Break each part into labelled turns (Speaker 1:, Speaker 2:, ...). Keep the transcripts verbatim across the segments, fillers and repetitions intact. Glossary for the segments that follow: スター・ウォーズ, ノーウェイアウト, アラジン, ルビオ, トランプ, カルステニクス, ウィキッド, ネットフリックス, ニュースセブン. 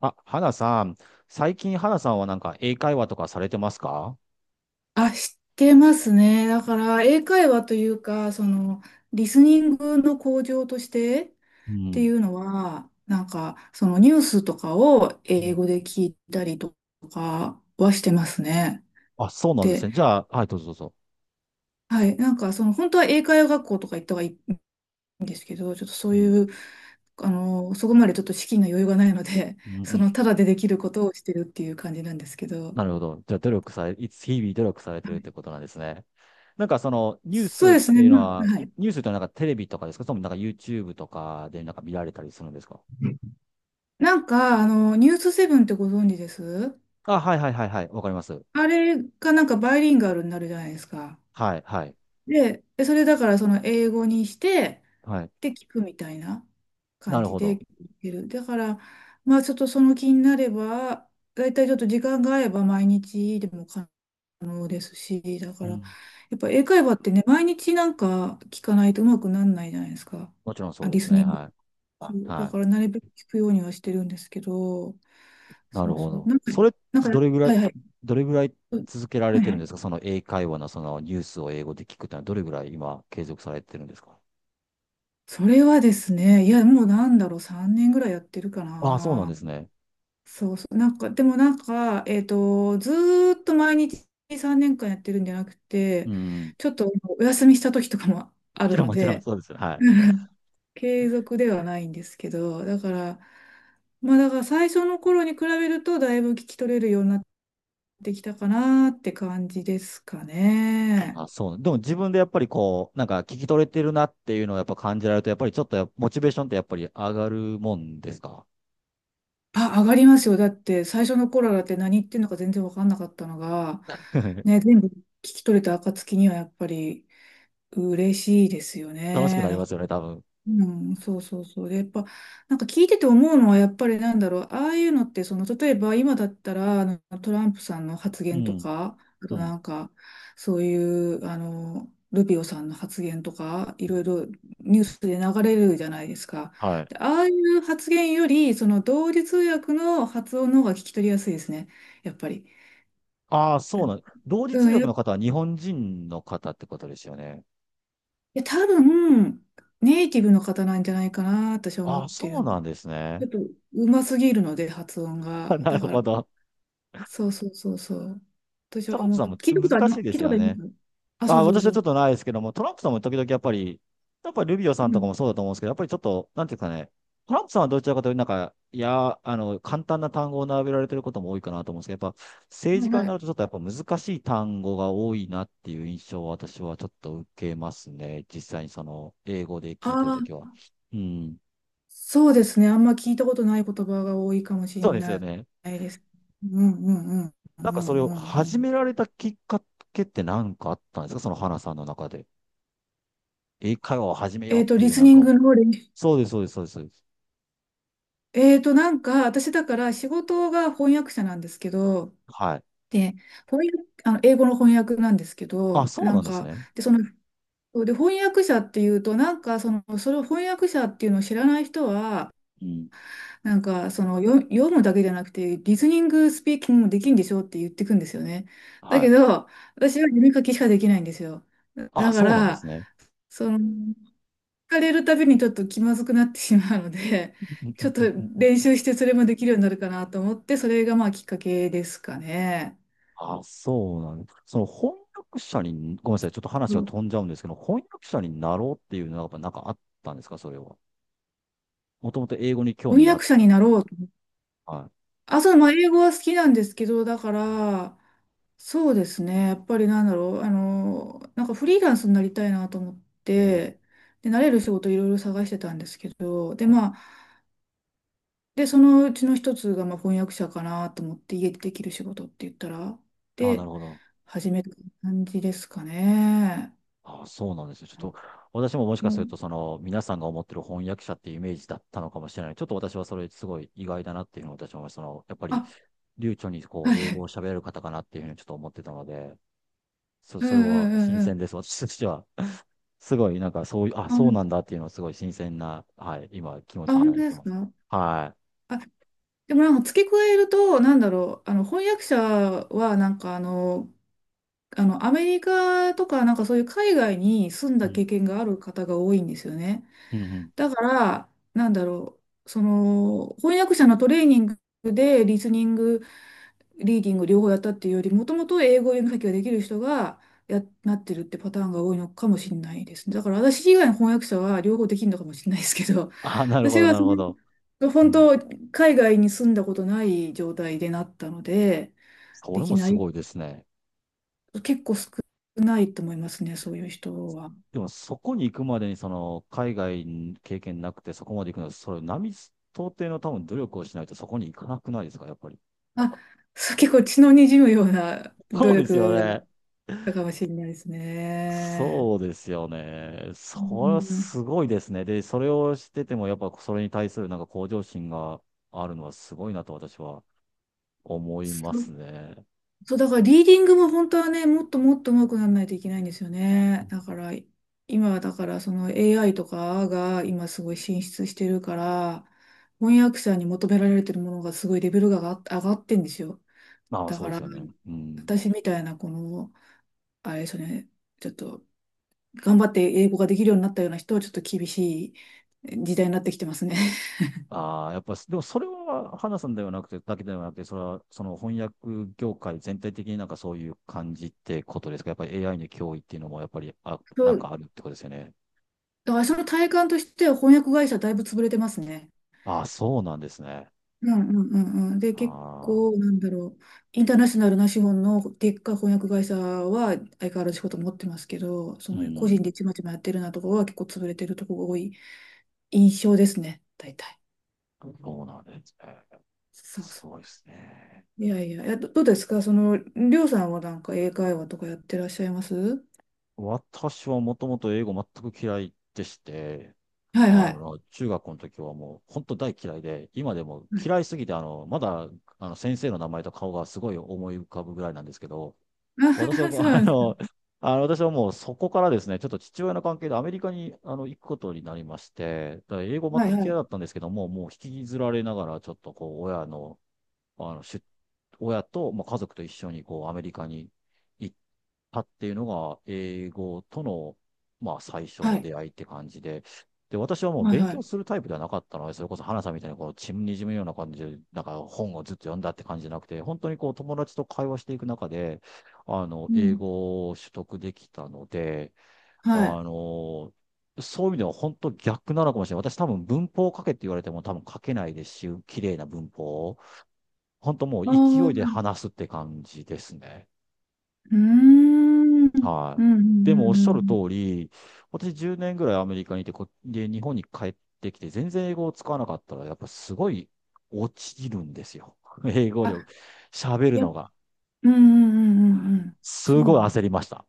Speaker 1: あ、花さん、最近花さんはなんか英会話とかされてますか？
Speaker 2: あ、知ってますね。だから、英会話というか、その、リスニングの向上としてっ
Speaker 1: う
Speaker 2: てい
Speaker 1: ん。
Speaker 2: うのは、なんか、そのニュースとかを
Speaker 1: う
Speaker 2: 英
Speaker 1: ん。
Speaker 2: 語で聞いたりとかはしてますね。
Speaker 1: あ、そうなんです
Speaker 2: で、
Speaker 1: ね。じゃあ、はい、どうぞどうぞ。
Speaker 2: はい、なんか、その、本当は英会話学校とか行った方がいいんですけど、ちょっとそう
Speaker 1: うん。
Speaker 2: いう、あの、そこまでちょっと資金の余裕がないので、
Speaker 1: うんう
Speaker 2: そ
Speaker 1: ん。
Speaker 2: の、ただでできることをしてるっていう感じなんですけど、
Speaker 1: なるほど。じゃあ、努力され、いつ日々努力されてる
Speaker 2: は
Speaker 1: っ
Speaker 2: い、
Speaker 1: てことなんですね。なんかその、ニュース
Speaker 2: そう
Speaker 1: っ
Speaker 2: です
Speaker 1: て
Speaker 2: ね、
Speaker 1: いうの
Speaker 2: ま
Speaker 1: は、
Speaker 2: あ、はい。
Speaker 1: ニュースってのはなんかテレビとかですか？それともなんか YouTube とかでなんか見られたりするんですか？
Speaker 2: なんか、あの、ニュースセブンってご存知です？
Speaker 1: あ、はいはいはいはい。わかります。
Speaker 2: あれがなんかバイリンガルになるじゃないですか。
Speaker 1: はい、はい、
Speaker 2: で、でそれだからその英語にして、
Speaker 1: はい。
Speaker 2: で、聞くみたいな
Speaker 1: な
Speaker 2: 感
Speaker 1: る
Speaker 2: じ
Speaker 1: ほ
Speaker 2: で
Speaker 1: ど。
Speaker 2: 聞いてる。だから、まあちょっとその気になれば、だいたいちょっと時間が合えば毎日でも可能ですし、だ
Speaker 1: う
Speaker 2: から、や
Speaker 1: ん。
Speaker 2: っぱ英会話ってね、毎日なんか聞かないとうまくならないじゃないですか。
Speaker 1: もちろんそ
Speaker 2: あ、
Speaker 1: うで
Speaker 2: リ
Speaker 1: す
Speaker 2: スニ
Speaker 1: ね。
Speaker 2: ン
Speaker 1: は
Speaker 2: グ。
Speaker 1: い。
Speaker 2: だ
Speaker 1: はい。
Speaker 2: からなるべく聞くようにはしてるんですけど、
Speaker 1: な
Speaker 2: そ
Speaker 1: る
Speaker 2: う
Speaker 1: ほ
Speaker 2: そう。
Speaker 1: ど。
Speaker 2: なんか、
Speaker 1: それ、
Speaker 2: なんか、
Speaker 1: どれぐら
Speaker 2: は
Speaker 1: い、
Speaker 2: いはい。
Speaker 1: どれぐらい
Speaker 2: う
Speaker 1: 続けられ
Speaker 2: はい
Speaker 1: て
Speaker 2: は
Speaker 1: るんで
Speaker 2: い。
Speaker 1: すか？その英会話のそのニュースを英語で聞くってのはどれぐらい今継続されてるんですか？
Speaker 2: それはですね、いや、もうなんだろう、さんねんぐらいやってるか
Speaker 1: ああ、そうなん
Speaker 2: な。
Speaker 1: ですね。
Speaker 2: そうそう。なんか、でもなんか、えっと、ずーっと毎日さんねんかんやってるんじゃなく
Speaker 1: う
Speaker 2: て、
Speaker 1: ん。も
Speaker 2: ちょっとお休みした時とかもあ
Speaker 1: ち
Speaker 2: る
Speaker 1: ろん
Speaker 2: の
Speaker 1: もちろん
Speaker 2: で、
Speaker 1: そうですよ。はい。
Speaker 2: 継続ではないんですけど、だから、まあだから最初の頃に比べると、だいぶ聞き取れるようになってきたかなって感じですかね。
Speaker 1: あ、そう。でも自分でやっぱりこう、なんか聞き取れてるなっていうのをやっぱ感じられると、やっぱりちょっとやモチベーションってやっぱり上がるもんですか？
Speaker 2: あ、上がりますよ。だって最初の頃だって何言ってんのか全然わかんなかったのが、ね、全部聞き取れた暁にはやっぱり嬉しいですよ
Speaker 1: 楽しくなり
Speaker 2: ね。
Speaker 1: ますよね、多分。
Speaker 2: うん、そうそうそう。で、やっぱ、なんか聞いてて思うのは、やっぱりなんだろう、ああいうのって、その、例えば今だったら、あの、トランプさんの発
Speaker 1: う
Speaker 2: 言と
Speaker 1: ん。
Speaker 2: か、あ
Speaker 1: う
Speaker 2: と
Speaker 1: ん。
Speaker 2: なんか、そういう、あの、ルビオさんの発言とか、い
Speaker 1: う
Speaker 2: ろい
Speaker 1: ん。
Speaker 2: ろニュースで流れるじゃないですか。
Speaker 1: はい。
Speaker 2: で、ああいう発言より、その、同時通訳の発音の方が聞き取りやすいですね、やっぱり。
Speaker 1: ああ、そうなん。同時通
Speaker 2: うん、
Speaker 1: 訳
Speaker 2: やっ、
Speaker 1: の
Speaker 2: い
Speaker 1: 方は日本人の方ってことですよね。
Speaker 2: や多分、ネイティブの方なんじゃないかな、私は思
Speaker 1: ああ、
Speaker 2: って
Speaker 1: そう
Speaker 2: る。
Speaker 1: なんです
Speaker 2: ち
Speaker 1: ね。
Speaker 2: ょっとうますぎるので、発音
Speaker 1: あ、
Speaker 2: が。
Speaker 1: な
Speaker 2: だ
Speaker 1: る
Speaker 2: から、
Speaker 1: ほど。
Speaker 2: そうそうそうそう。私
Speaker 1: トラ
Speaker 2: は
Speaker 1: ンプ
Speaker 2: もう、
Speaker 1: さんも
Speaker 2: 聞いたことあり
Speaker 1: 難し
Speaker 2: ま
Speaker 1: い
Speaker 2: す、
Speaker 1: で
Speaker 2: 聞い
Speaker 1: す
Speaker 2: たこ
Speaker 1: よ
Speaker 2: とありま
Speaker 1: ね。
Speaker 2: す。あ、そ
Speaker 1: あ、
Speaker 2: うそう
Speaker 1: 私
Speaker 2: そ
Speaker 1: はちょ
Speaker 2: う。
Speaker 1: っとないですけども、トランプさんも時々やっぱり、やっぱりルビオさ
Speaker 2: う
Speaker 1: んとか
Speaker 2: ん。
Speaker 1: もそうだと思うんですけど、やっぱりちょっと、なんていうかね、トランプさんはどちらかというと、なんか、いや、あの、簡単な単語を並べられてることも多いかなと思うんですけど、やっぱ政
Speaker 2: は
Speaker 1: 治
Speaker 2: い
Speaker 1: 家に
Speaker 2: は
Speaker 1: な
Speaker 2: い。
Speaker 1: るとちょっとやっぱ難しい単語が多いなっていう印象を私はちょっと受けますね。実際にその、英語で聞いてる
Speaker 2: あ
Speaker 1: とき
Speaker 2: あ、
Speaker 1: は。うん。
Speaker 2: そうですね。あんま聞いたことない言葉が多いかもしれ
Speaker 1: そうですよ
Speaker 2: な
Speaker 1: ね。
Speaker 2: いです。うんうんうんう
Speaker 1: なんかそれ
Speaker 2: ん
Speaker 1: を
Speaker 2: うんう
Speaker 1: 始
Speaker 2: ん。
Speaker 1: められたきっかけって何かあったんですか？その花さんの中で。英会話を始めよ
Speaker 2: え
Speaker 1: うっ
Speaker 2: っと、
Speaker 1: てい
Speaker 2: リ
Speaker 1: う
Speaker 2: ス
Speaker 1: なん
Speaker 2: ニ
Speaker 1: か
Speaker 2: ン
Speaker 1: を、
Speaker 2: グの練習。
Speaker 1: そうです、そうです、そうですそうです。
Speaker 2: えっと、なんか、私だから仕事が翻訳者なんですけど、
Speaker 1: はい。
Speaker 2: で、翻訳、あの、英語の翻訳なんですけ
Speaker 1: あ、
Speaker 2: ど、
Speaker 1: そう
Speaker 2: な
Speaker 1: な
Speaker 2: ん
Speaker 1: んです
Speaker 2: か、
Speaker 1: ね。
Speaker 2: で、そのそうで、翻訳者っていうと、なんかその、それを翻訳者っていうのを知らない人は、
Speaker 1: うん。
Speaker 2: なんかその読、読むだけじゃなくて、リスニングスピーキングもできるんでしょって言ってくんですよね。だ
Speaker 1: は
Speaker 2: け
Speaker 1: い。
Speaker 2: ど、私は読み書きしかできないんですよ。
Speaker 1: あ、
Speaker 2: だか
Speaker 1: そうなんで
Speaker 2: ら、
Speaker 1: すね。
Speaker 2: その、聞かれるたびにちょっと気まずくなってしまうので、
Speaker 1: うんう
Speaker 2: ちょっ
Speaker 1: んう
Speaker 2: と
Speaker 1: んうん。
Speaker 2: 練習してそれもできるようになるかなと思って、それがまあきっかけですかね。
Speaker 1: あ、そうなんです。その翻訳者に、ごめんなさい、ちょっと話
Speaker 2: そ
Speaker 1: が
Speaker 2: う、
Speaker 1: 飛んじゃうんですけど、翻訳者になろうっていうのはやっぱなんかあったんですか、それは。もともと英語に興味
Speaker 2: 翻
Speaker 1: があっ
Speaker 2: 訳者
Speaker 1: た。
Speaker 2: になろうと。
Speaker 1: は
Speaker 2: あ、そう、まあ、英語は好きなんですけど、だから、そうですね。やっぱりなんだろう、あの、なんかフリーランスになりたいなと思っ
Speaker 1: い。うん。
Speaker 2: て、で、慣れる仕事いろいろ探してたんですけど、で、
Speaker 1: はい、
Speaker 2: まあ、で、そのうちの一つが、まあ、翻訳者かなと思って、家でできる仕事って言ったら、
Speaker 1: あ、な
Speaker 2: で、
Speaker 1: るほど。
Speaker 2: 始めた感じですかね。
Speaker 1: あ、そうなんですよ。ちょっと、私ももし
Speaker 2: う
Speaker 1: かすると、
Speaker 2: ん。
Speaker 1: その、皆さんが思ってる翻訳者っていうイメージだったのかもしれない。ちょっと私はそれすごい意外だなっていうのを私は思います、その、やっぱり
Speaker 2: あ、
Speaker 1: 流暢にこ
Speaker 2: は
Speaker 1: う英語
Speaker 2: い。
Speaker 1: を喋れる方かなっていうふうにちょっと思ってたので、そ
Speaker 2: うん
Speaker 1: それ
Speaker 2: う
Speaker 1: は
Speaker 2: んう
Speaker 1: 新
Speaker 2: んうん。
Speaker 1: 鮮です、私としては。すごい、なんかそういう、あ、
Speaker 2: あ、う
Speaker 1: そうな
Speaker 2: ん。
Speaker 1: んだっていうのはすごい新鮮な、はい、今気持
Speaker 2: あ、
Speaker 1: ちにな
Speaker 2: 本
Speaker 1: っ
Speaker 2: 当で
Speaker 1: て
Speaker 2: す
Speaker 1: ます。
Speaker 2: か？
Speaker 1: は
Speaker 2: でもなんか付け加えると、なんだろう、あの翻訳者はなんかあの、あのアメリカとかなんかそういう海外に住ん
Speaker 1: い。う
Speaker 2: だ
Speaker 1: ん。
Speaker 2: 経験がある方が多いんですよね。
Speaker 1: うんうん。
Speaker 2: だから、なんだろう、その翻訳者のトレーニングでリスニング、リーディング両方やったっていうより、もともと英語読み書きができる人がや、なってるってパターンが多いのかもしれないですね。だから私以外の翻訳者 は両方できるのかもしれないですけど、
Speaker 1: あ、なるほ
Speaker 2: 私
Speaker 1: ど、
Speaker 2: は
Speaker 1: な
Speaker 2: そ
Speaker 1: るほど。
Speaker 2: の
Speaker 1: う
Speaker 2: 本
Speaker 1: ん。
Speaker 2: 当、海外に住んだことない状態でなったので、
Speaker 1: そ
Speaker 2: で
Speaker 1: れ
Speaker 2: き
Speaker 1: も
Speaker 2: な
Speaker 1: す
Speaker 2: い、
Speaker 1: ごいですね。
Speaker 2: 結構少ないと思いますね、そういう人は。
Speaker 1: でもそこに行くまでに、その、海外経験なくてそこまで行くのは、それ、並、到底の多分努力をしないとそこに行かなくないですか、やっぱり。
Speaker 2: あ、そう、結構血の滲むような
Speaker 1: そ
Speaker 2: 努
Speaker 1: うですよ
Speaker 2: 力が
Speaker 1: ね。
Speaker 2: たかもしれないですね。
Speaker 1: そうですよね。そ
Speaker 2: う
Speaker 1: れは
Speaker 2: ん。
Speaker 1: すごいですね。で、それをしてても、やっぱそれに対するなんか向上心があるのはすごいなと私は思いま
Speaker 2: そ、
Speaker 1: すね。
Speaker 2: そう、だからリーディングも本当はね、もっともっと上手くならないといけないんですよ
Speaker 1: う
Speaker 2: ね。だから、今はだからその エーアイ とかが今す
Speaker 1: ん。
Speaker 2: ごい進出してるから、翻訳者に求められてるものがすごいレベルが上が上がってんですよ。
Speaker 1: まあ、
Speaker 2: だ
Speaker 1: そ
Speaker 2: か
Speaker 1: うで
Speaker 2: ら、
Speaker 1: すよね。うん。
Speaker 2: 私みたいなこの、あれですよね、ちょっと頑張って英語ができるようになったような人はちょっと厳しい時代になってきてますね。
Speaker 1: ああ、やっぱ、でもそれは、花さんではなくて、だけではなくて、それは、その翻訳業界全体的になんかそういう感じってことですか？やっぱり エーアイ の脅威っていうのも、やっぱり、あ、
Speaker 2: そ
Speaker 1: なん
Speaker 2: う、
Speaker 1: かあるってことですよね。
Speaker 2: あ、その体感としては翻訳会社だいぶ潰れてますね。
Speaker 1: ああ、そうなんですね。
Speaker 2: うんうんうんうん。で、結
Speaker 1: ああ、
Speaker 2: 構、なんだろう、インターナショナルな資本のでっかい翻訳会社は相変わらず仕事持ってますけど、そ
Speaker 1: う
Speaker 2: の個人
Speaker 1: ん、
Speaker 2: でちまちまやってるようなところは結構潰れてるところが多い印象ですね、大体。
Speaker 1: そうなんですね。
Speaker 2: そう
Speaker 1: す
Speaker 2: そ
Speaker 1: ごいですね。
Speaker 2: う。いやいや、えど、どうですかその、りょうさんはなんか英会話とかやってらっしゃいます？は
Speaker 1: 私はもともと英語全く嫌いでして、
Speaker 2: い
Speaker 1: あ
Speaker 2: はい。
Speaker 1: の、中学校の時はもう本当大嫌いで、今でも
Speaker 2: はい、
Speaker 1: 嫌いすぎて、あの、まだ、あの、先生の名前と顔がすごい思い浮かぶぐらいなんですけど、
Speaker 2: あは
Speaker 1: 私
Speaker 2: は、 そう
Speaker 1: は、あ
Speaker 2: なんですか。
Speaker 1: の、あの私はもうそこからですね、ちょっと父親の関係でアメリカにあの行くことになりまして、だから英語全
Speaker 2: はい
Speaker 1: く
Speaker 2: は
Speaker 1: 嫌い
Speaker 2: い。
Speaker 1: だったんですけども、もう引きずられながら、ちょっとこう、親のあの、出親と、まあ、家族と一緒にこうアメリカに行ったっていうのが、英語との、まあ、最初
Speaker 2: は
Speaker 1: の
Speaker 2: い。
Speaker 1: 出会いって感じで、で、私はもう
Speaker 2: はい
Speaker 1: 勉
Speaker 2: は
Speaker 1: 強
Speaker 2: い。
Speaker 1: するタイプではなかったので、それこそ花さんみたいにこう、血にじむような感じで、なんか本をずっと読んだって感じじゃなくて、本当にこう、友達と会話していく中で、あの、
Speaker 2: う
Speaker 1: 英
Speaker 2: ん。
Speaker 1: 語を取得できたので、あ
Speaker 2: はい。
Speaker 1: の、そういう意味では本当逆なのかもしれない。私多分文法を書けって言われても多分書けないですし、綺麗な文法を。本当もう
Speaker 2: ああ、
Speaker 1: 勢いで
Speaker 2: はい、
Speaker 1: 話すって感じですね。
Speaker 2: うーん。うんう
Speaker 1: は
Speaker 2: ん
Speaker 1: い。でも
Speaker 2: う
Speaker 1: おっ
Speaker 2: ん
Speaker 1: しゃ
Speaker 2: う
Speaker 1: る通
Speaker 2: ん。
Speaker 1: り、私じゅうねんぐらいアメリカにいて、こ、で、日本に帰ってきて、全然英語を使わなかったら、やっぱすごい落ちるんですよ。英語力。
Speaker 2: あ、
Speaker 1: 喋る
Speaker 2: や
Speaker 1: の
Speaker 2: っ、
Speaker 1: が。
Speaker 2: うんうんうんうんうん。
Speaker 1: す
Speaker 2: そうな
Speaker 1: ごい
Speaker 2: の。
Speaker 1: 焦りました。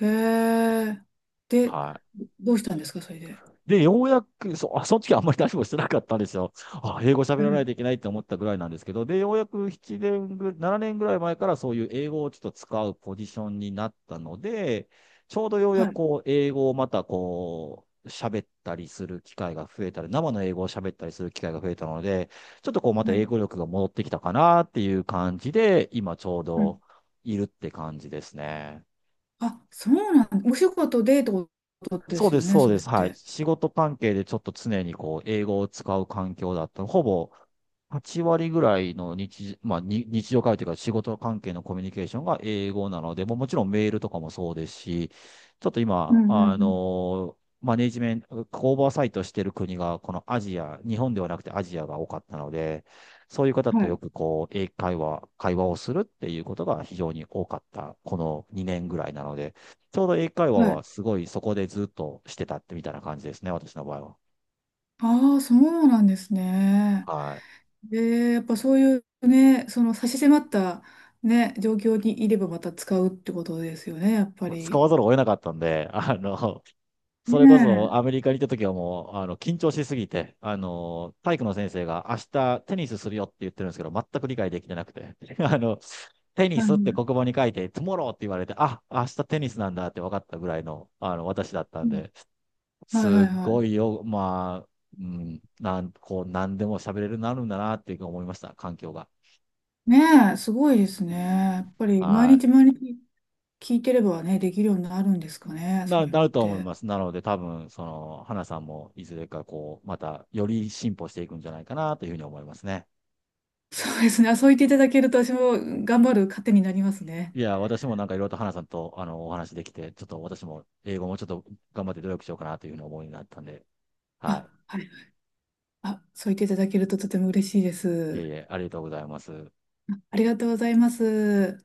Speaker 2: へえ。で、
Speaker 1: はい。
Speaker 2: どうしたんですか、それで。
Speaker 1: で、ようやく、そ、あ、その時はあんまり何もしてなかったんですよ。あ、英語喋
Speaker 2: う
Speaker 1: らない
Speaker 2: ん。
Speaker 1: といけないって思ったぐらいなんですけど、で、ようやく7年ぐ、ななねんぐらい前からそういう英語をちょっと使うポジションになったので、ちょうどようや
Speaker 2: は
Speaker 1: く
Speaker 2: い。
Speaker 1: こう、英語をまたこう、喋ったりする機会が増えたり、生の英語を喋ったりする機会が増えたので、ちょっとこう、また
Speaker 2: は
Speaker 1: 英
Speaker 2: い。
Speaker 1: 語力が戻ってきたかなっていう感じで、今ちょう
Speaker 2: うん。
Speaker 1: どいるって感じですね。
Speaker 2: あ、そうなん、お仕事でってことで
Speaker 1: そう
Speaker 2: す
Speaker 1: で
Speaker 2: よ
Speaker 1: す、
Speaker 2: ね、
Speaker 1: そう
Speaker 2: そ
Speaker 1: で
Speaker 2: れっ
Speaker 1: す。はい。
Speaker 2: て。
Speaker 1: 仕事関係でちょっと常にこう、英語を使う環境だった。ほぼはち割ぐらいの日、まあ、に日常会話というか仕事関係のコミュニケーションが英語なので、もうもちろんメールとかもそうですし、ちょっと
Speaker 2: う
Speaker 1: 今、
Speaker 2: んう
Speaker 1: あ
Speaker 2: んう
Speaker 1: の
Speaker 2: ん。
Speaker 1: ーマネジメント、オーバーサイトしてる国が、このアジア、日本ではなくてアジアが多かったので、そういう方
Speaker 2: は
Speaker 1: とよ
Speaker 2: い。
Speaker 1: くこう、英会話、会話をするっていうことが非常に多かった、このにねんぐらいなので、ちょうど英会話
Speaker 2: は
Speaker 1: は
Speaker 2: い。
Speaker 1: すごいそこでずっとしてたってみたいな感じですね、私の場合は。
Speaker 2: ああ、そうなんですね。
Speaker 1: は
Speaker 2: で、やっぱそういうね、その差し迫ったね、状況にいればまた使うってことですよね、やっぱ
Speaker 1: い。使
Speaker 2: り。
Speaker 1: わざるを得なかったんで、あの、そ
Speaker 2: ね
Speaker 1: れこそアメ
Speaker 2: え。
Speaker 1: リカに行った時はもう、あの、緊張しすぎて、あの、体育の先生が明日テニスするよって言ってるんですけど、全く理解できてなくて、あの、テニ
Speaker 2: は
Speaker 1: スって
Speaker 2: い、
Speaker 1: 黒板に書いて、トゥモローって言われて、あ、明日テニスなんだって分かったぐらいの、あの、私だった
Speaker 2: う
Speaker 1: ん
Speaker 2: ん、
Speaker 1: で、
Speaker 2: はい、は
Speaker 1: す
Speaker 2: い、
Speaker 1: ご
Speaker 2: は
Speaker 1: いよ、まあ、うん、なん、こう、何でも喋れるようになるんだなっていうふうに思いました、環境が。
Speaker 2: い。ねえ、すごいですね。やっぱり
Speaker 1: は
Speaker 2: 毎
Speaker 1: い。
Speaker 2: 日毎日聞いてればね、できるようになるんですかね、そ
Speaker 1: な、
Speaker 2: ういう
Speaker 1: な
Speaker 2: のっ
Speaker 1: ると思い
Speaker 2: て。
Speaker 1: ます。なので、多分、その、花さんも、いずれか、こう、また、より進歩していくんじゃないかな、というふうに思いますね。
Speaker 2: そうですね。あ、そう言っていただけると私も頑張る糧になりますね。
Speaker 1: いや、私もなんか、いろいろと花さんと、あの、お話できて、ちょっと私も、英語もちょっと頑張って努力しようかな、というふうに思いになったんで、は
Speaker 2: あ、
Speaker 1: い。
Speaker 2: はい。あ、そう言っていただけるととても嬉しいです。
Speaker 1: えーありがとうございます。
Speaker 2: ありがとうございます。